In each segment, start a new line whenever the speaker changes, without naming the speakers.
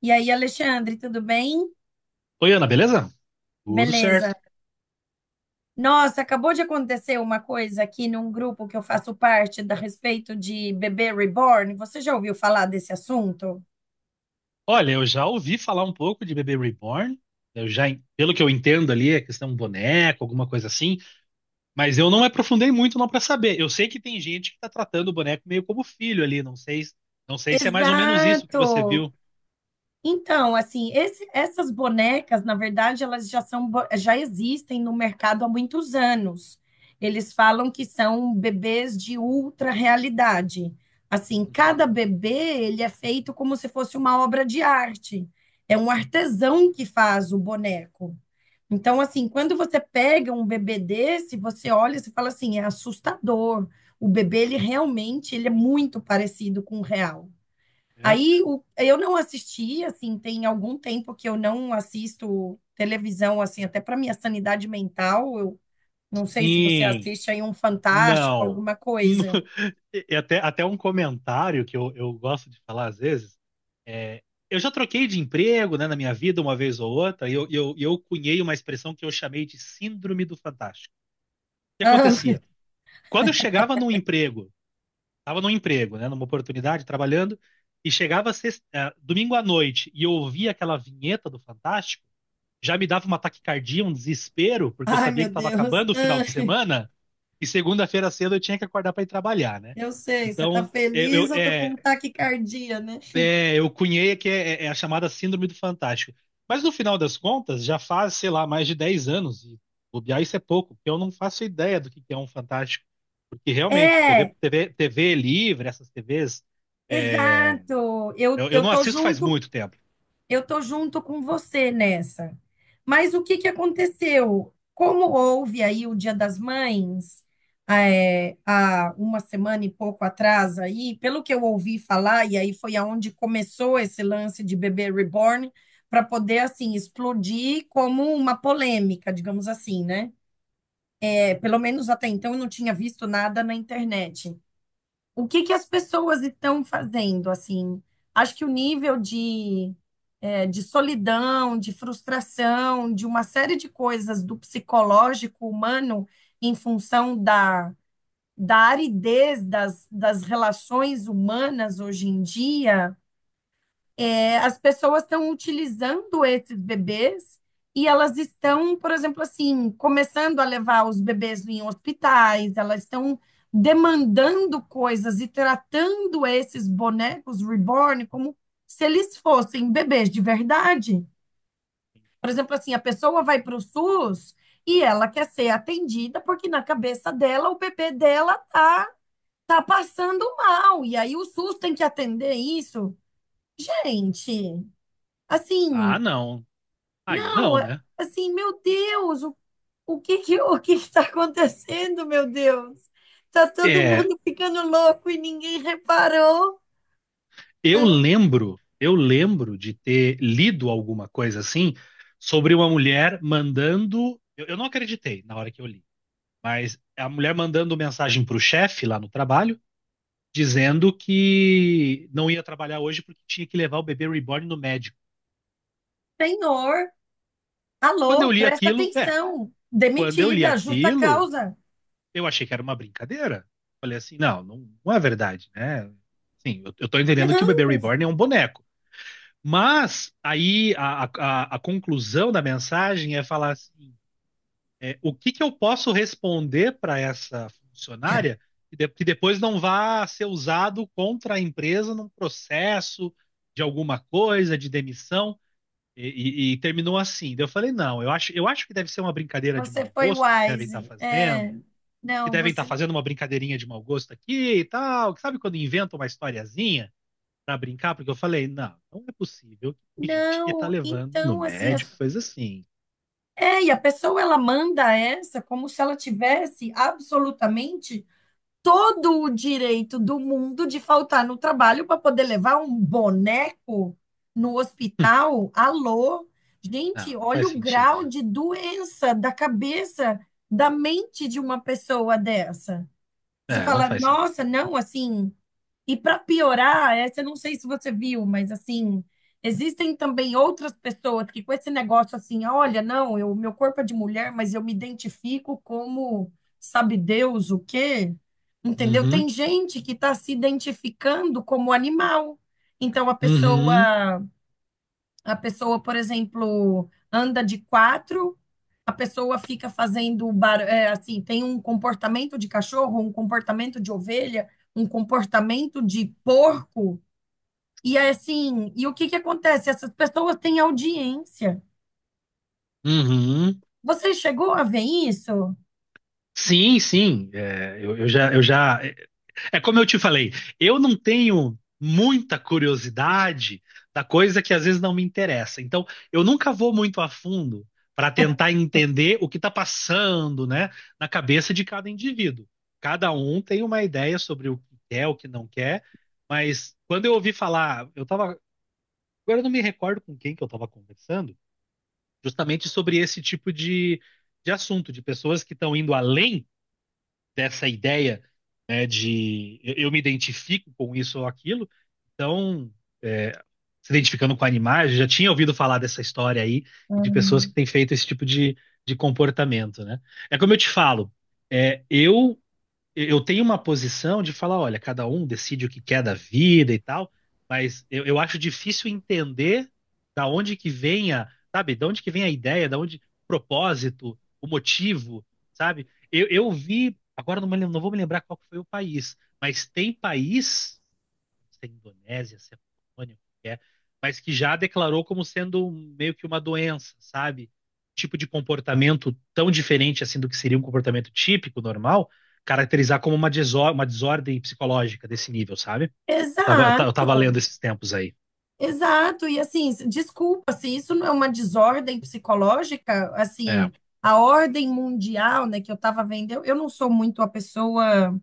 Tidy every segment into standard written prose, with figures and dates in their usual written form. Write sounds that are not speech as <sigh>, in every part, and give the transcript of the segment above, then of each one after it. E aí, Alexandre, tudo bem?
Oi, Ana, beleza? Tudo
Beleza.
certo.
Nossa, acabou de acontecer uma coisa aqui num grupo que eu faço parte da respeito de bebê reborn. Você já ouviu falar desse assunto?
Olha, eu já ouvi falar um pouco de Bebê Reborn. Pelo que eu entendo ali, é questão de um boneco, alguma coisa assim, mas eu não me aprofundei muito não para saber. Eu sei que tem gente que tá tratando o boneco meio como filho ali, não sei, não sei se é mais ou menos isso que você
Exato!
viu.
Então, assim, essas bonecas, na verdade, elas já são, já existem no mercado há muitos anos. Eles falam que são bebês de ultra realidade. Assim, cada
Uhum.
bebê, ele é feito como se fosse uma obra de arte. É um artesão que faz o boneco. Então, assim, quando você pega um bebê desse, você olha e você fala assim, é assustador. O bebê, ele realmente, ele é muito parecido com o real.
É?
Eu não assisti, assim, tem algum tempo que eu não assisto televisão, assim, até para minha sanidade mental. Eu não sei se você
Sim.
assiste aí um Fantástico,
Não.
alguma coisa.
<laughs> E até, até um comentário que eu gosto de falar às vezes. é, eu já troquei de emprego, né, na minha vida, uma vez ou outra, e eu cunhei uma expressão que eu chamei de Síndrome do Fantástico. O que
Ah, <laughs>
acontecia? Quando eu chegava num emprego, estava num emprego, né, numa oportunidade, trabalhando, e chegava domingo à noite e eu ouvia aquela vinheta do Fantástico, já me dava uma taquicardia, um desespero, porque eu
ai,
sabia
meu
que estava
Deus.
acabando o final
Ah,
de semana, e segunda-feira cedo eu tinha que acordar para ir trabalhar, né?
eu sei, você tá
Então, eu, eu,
feliz, eu tô com um
eh,
taquicardia, né?
Eu cunhei que é a chamada Síndrome do Fantástico. Mas no final das contas, já faz, sei lá, mais de 10 anos, e bobear isso é pouco, porque eu não faço ideia do que é um Fantástico. Porque realmente,
É,
TV livre, essas TVs, é,
exato. Eu,
eu
eu
não
tô
assisto faz
junto
muito tempo.
eu tô junto com você nessa. Mas o que que aconteceu? Como houve aí o Dia das Mães, é, há uma semana e pouco atrás aí, pelo que eu ouvi falar, e aí foi aonde começou esse lance de bebê reborn, para poder, assim, explodir como uma polêmica, digamos assim, né? É, pelo menos até então eu não tinha visto nada na internet o que que as pessoas estão fazendo, assim. Acho que o nível de, de solidão, de frustração, de uma série de coisas do psicológico humano em função da aridez das relações humanas hoje em dia é, as pessoas estão utilizando esses bebês e elas estão, por exemplo, assim, começando a levar os bebês em hospitais, elas estão demandando coisas e tratando esses bonecos reborn como se eles fossem bebês de verdade. Por exemplo, assim, a pessoa vai para o SUS e ela quer ser atendida porque na cabeça dela o bebê dela tá passando mal e aí o SUS tem que atender isso. Gente,
Ah,
assim,
não. Aí
Não,
não, né?
assim, meu Deus, o que que, o que está acontecendo, meu Deus? Tá todo
É,
mundo ficando louco e ninguém reparou.
eu lembro de ter lido alguma coisa assim sobre uma mulher mandando. Eu não acreditei na hora que eu li. Mas a mulher mandando mensagem para o chefe lá no trabalho, dizendo que não ia trabalhar hoje porque tinha que levar o bebê reborn no médico.
Senhor,
Quando eu
alô,
li
presta
aquilo, é,
atenção.
Quando eu li
Demitida, justa
aquilo,
causa.
eu achei que era uma brincadeira. Falei assim, não é verdade, né? Sim, eu tô entendendo que o bebê
Não,
reborn é um boneco. Mas aí a conclusão da mensagem é falar assim: o que que eu posso responder para essa funcionária que depois não vá ser usado contra a empresa num processo de alguma coisa, de demissão? E, e terminou assim. Daí eu falei, não, eu acho que deve ser uma brincadeira de
você
mau
foi
gosto que devem estar
wise. É,
fazendo, que
não,
devem estar
você.
fazendo uma brincadeirinha de mau gosto aqui e tal. Que sabe quando inventam uma historiazinha para brincar? Porque eu falei, não, não é possível que gente que tá
Não,
levando no
então, assim,
médico, coisa assim.
é, e a pessoa ela manda essa como se ela tivesse absolutamente todo o direito do mundo de faltar no trabalho para poder levar um boneco no hospital. Alô? Gente,
Não, não
olha
faz
o
sentido,
grau
né?
de doença da cabeça, da mente de uma pessoa dessa. Você
É, não
fala,
faz sentido.
nossa, não, assim, e para piorar, essa eu não sei se você viu, mas assim, existem também outras pessoas que com esse negócio assim, olha, não, eu, meu corpo é de mulher, mas eu me identifico como sabe Deus o quê? Entendeu?
Uhum.
Tem gente que está se identificando como animal. Então a
Uhum,
pessoa a pessoa, por exemplo, anda de quatro, a pessoa fica fazendo é, assim, tem um comportamento de cachorro, um comportamento de ovelha, um comportamento de porco. E é assim, e o que que acontece? Essas pessoas têm audiência.
uhum.
Você chegou a ver isso?
Sim, sim. Eu já. É como eu te falei, eu não tenho muita curiosidade da coisa que às vezes não me interessa. Então, eu nunca vou muito a fundo para tentar entender o que está passando, né, na cabeça de cada indivíduo. Cada um tem uma ideia sobre o que quer, o que não quer, mas quando eu ouvi falar, eu tava. Agora eu não me recordo com quem que eu estava conversando. Justamente sobre esse tipo de assunto, de pessoas que estão indo além dessa ideia, né, de eu me identifico com isso ou aquilo, então é, se identificando com animais, eu já tinha ouvido falar dessa história aí e de pessoas que
Hum.
têm feito esse tipo de comportamento, né? É como eu te falo, é, eu eu tenho uma posição de falar, olha, cada um decide o que quer da vida e tal, mas eu acho difícil entender da onde que vem a, sabe, da onde que vem a ideia, da onde o propósito, o motivo, sabe? Eu vi, agora não, me lem- não vou me lembrar qual que foi o país, mas tem país se é Indonésia, se é Polônia, o que é, mas que já declarou como sendo meio que uma doença, sabe? Tipo de comportamento tão diferente assim do que seria um comportamento típico, normal, caracterizar como uma desordem psicológica desse nível, sabe? Eu tava
Exato,
lendo esses tempos aí.
exato. E assim, desculpa, se isso não é uma desordem psicológica,
É,
assim, a ordem mundial, né, que eu estava vendo, eu não sou muito a pessoa.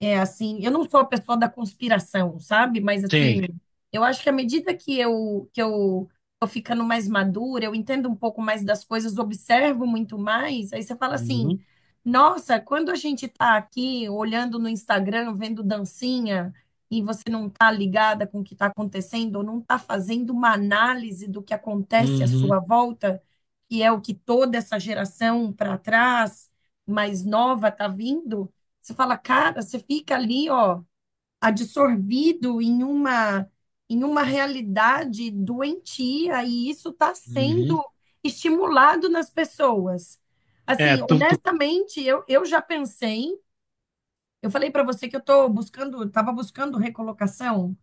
É assim, eu não sou a pessoa da conspiração, sabe? Mas assim,
sim.
eu acho que à medida que eu tô ficando mais madura, eu entendo um pouco mais das coisas, observo muito mais, aí você fala assim:
Uhum,
"Nossa, quando a gente tá aqui olhando no Instagram, vendo dancinha, e você não tá ligada com o que tá acontecendo, ou não tá fazendo uma análise do que acontece à
uhum,
sua volta, que é o que toda essa geração para trás mais nova tá vindo, você fala, cara, você fica ali, ó, absorvido em uma realidade doentia e isso está
uhum.
sendo estimulado nas pessoas.
É,
Assim,
tu,
honestamente, eu já pensei, eu falei para você que eu estou buscando, estava buscando recolocação.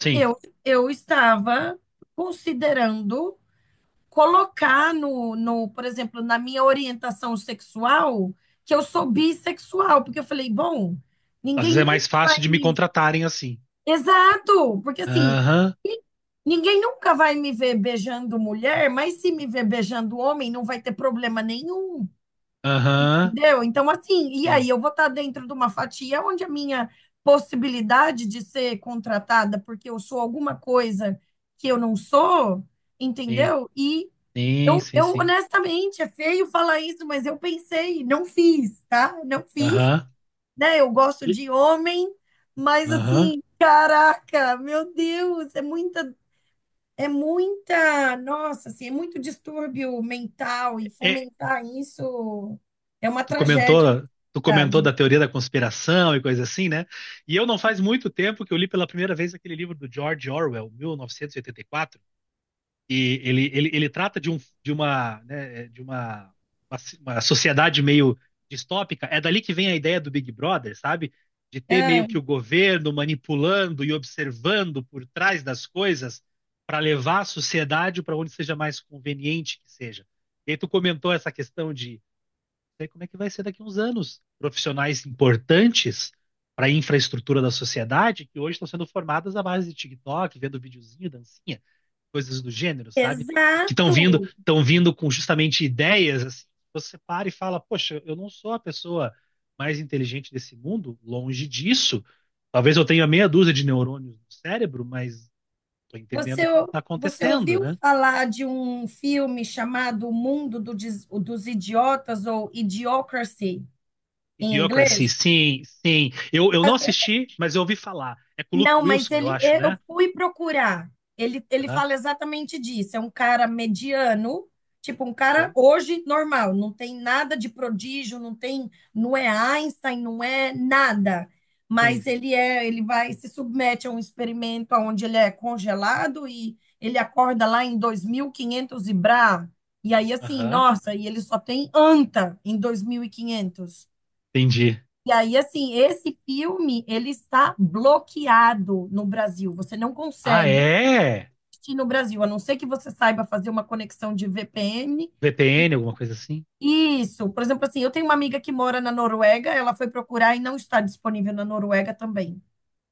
sim.
Eu, eu estava considerando colocar no, por exemplo, na minha orientação sexual, que eu sou bissexual, porque eu falei, bom,
Às vezes
ninguém
é
nunca
mais
vai
fácil de me
me.
contratarem assim.
Exato, porque assim,
Aham,
ni- ninguém nunca vai me ver beijando mulher, mas se me ver beijando homem, não vai ter problema nenhum,
aham,
entendeu? Então, assim, e aí
sim,
eu vou estar dentro de uma fatia onde a minha possibilidade de ser contratada porque eu sou alguma coisa que eu não sou,
sim,
entendeu? E
sim, sim, sim.
honestamente, é feio falar isso, mas eu pensei, não fiz, tá? Não fiz,
Aham,
né? Eu gosto
e-
de homem, mas
aham.
assim, caraca, meu Deus, é muita, nossa, assim, é muito distúrbio mental e
É,
fomentar isso é uma
tu comentou,
tragédia,
tu
na
comentou
verdade.
da teoria da conspiração e coisa assim, né? E eu não faz muito tempo que eu li pela primeira vez aquele livro do George Orwell, 1984, e ele trata de uma, né, uma, uma sociedade meio distópica. É dali que vem a ideia do Big Brother, sabe? De ter meio
Ah,
que o governo manipulando e observando por trás das coisas para levar a sociedade para onde seja mais conveniente que seja. E aí tu comentou essa questão de sei como é que vai ser daqui a uns anos. Profissionais importantes para a infraestrutura da sociedade que hoje estão sendo formadas à base de TikTok, vendo videozinho, dancinha, coisas do gênero, sabe? Que
exato.
estão vindo com justamente ideias assim. Você para e fala, poxa, eu não sou a pessoa mais inteligente desse mundo, longe disso. Talvez eu tenha meia dúzia de neurônios no cérebro, mas estou
Você,
entendendo o que está
você
acontecendo,
ouviu
né?
falar de um filme chamado O Mundo dos Idiotas ou Idiocracy em
Idiocracy,
inglês?
sim, sim. Eu
Tá
não
certo.
assisti, mas eu ouvi falar. É com o Luke
Não, mas
Wilson, eu
ele,
acho,
eu
né?
fui procurar. Ele
Aham,
fala exatamente disso. É um cara mediano, tipo um cara
sei.
hoje normal, não tem nada de prodígio, não tem, não é Einstein, não é nada.
Sim,
Mas
sim.
ele é, ele vai se submete a um experimento onde ele é congelado e ele acorda lá em 2500 e quinhentos e brá. E aí assim,
Aham,
nossa, e ele só tem anta em 2500.
entendi.
E aí, assim, esse filme, ele está bloqueado no Brasil. Você não
Ah,
consegue
é?
assistir no Brasil, a não ser que você saiba fazer uma conexão de VPN.
VPN, alguma coisa assim?
Isso. Por exemplo, assim, eu tenho uma amiga que mora na Noruega, ela foi procurar e não está disponível na Noruega também.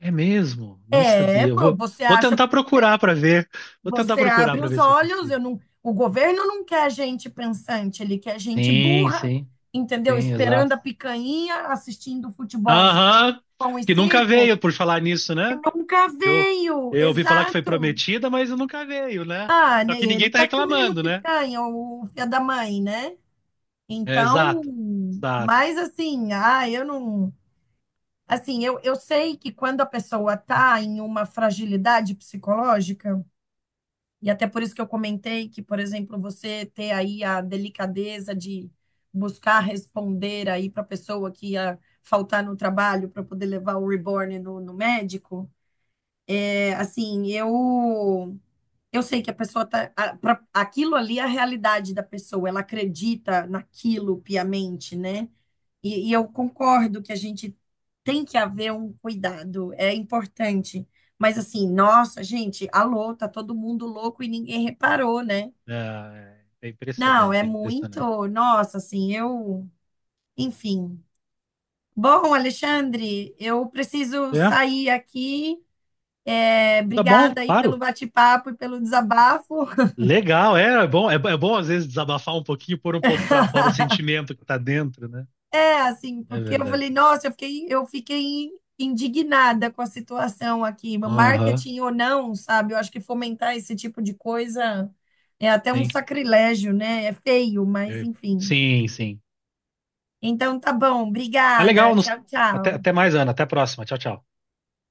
É mesmo? Não
É,
sabia. Eu
pô,
vou,
você
vou
acha,
tentar procurar pra ver. Vou tentar
você
procurar
abre
pra
os
ver se eu
olhos, eu
consigo.
não, o governo não quer gente pensante, ele quer gente
Sim,
burra,
sim,
entendeu?
sim,
Esperando
exato.
a picanha, assistindo futebolzinho,
Aham,
pão e
que nunca
circo.
veio por falar nisso, né?
Nunca
Eu,
veio,
eu ouvi falar que foi
exato.
prometida, mas nunca veio, né?
Ah,
Só
né?
que ninguém
Ele
tá
tá comendo
reclamando, né?
picanha, o filho da mãe, né?
É,
Então,
exato. Exato.
mas assim, ah, eu não. Assim, eu sei que quando a pessoa tá em uma fragilidade psicológica, e até por isso que eu comentei que, por exemplo, você ter aí a delicadeza de buscar responder aí para a pessoa que ia faltar no trabalho para poder levar o reborn no médico. É, assim, eu sei que a pessoa aquilo ali é a realidade da pessoa, ela acredita naquilo piamente, né? E eu concordo que a gente tem que haver um cuidado, é importante. Mas assim, nossa, gente, alô, tá todo mundo louco e ninguém reparou, né?
É, é
Não, é
impressionante, é
muito,
impressionante.
nossa, assim, eu, enfim. Bom, Alexandre, eu preciso
É,
sair aqui. É,
tá bom,
obrigada aí pelo
claro.
bate-papo e pelo desabafo.
Legal, é bom às vezes desabafar um pouquinho, pôr um pouco pra fora o
<laughs>
sentimento que tá dentro, né?
É, assim,
É
porque eu
verdade.
falei, nossa, eu fiquei indignada com a situação aqui.
Aham,
Marketing ou não, sabe? Eu acho que fomentar esse tipo de coisa é até um
sim.
sacrilégio, né? É feio, mas
Eu-
enfim.
Sim, sim.
Então tá bom,
Mas
obrigada.
legal, nos-
Tchau,
até,
tchau.
até mais, Ana. Até a próxima. Tchau, tchau.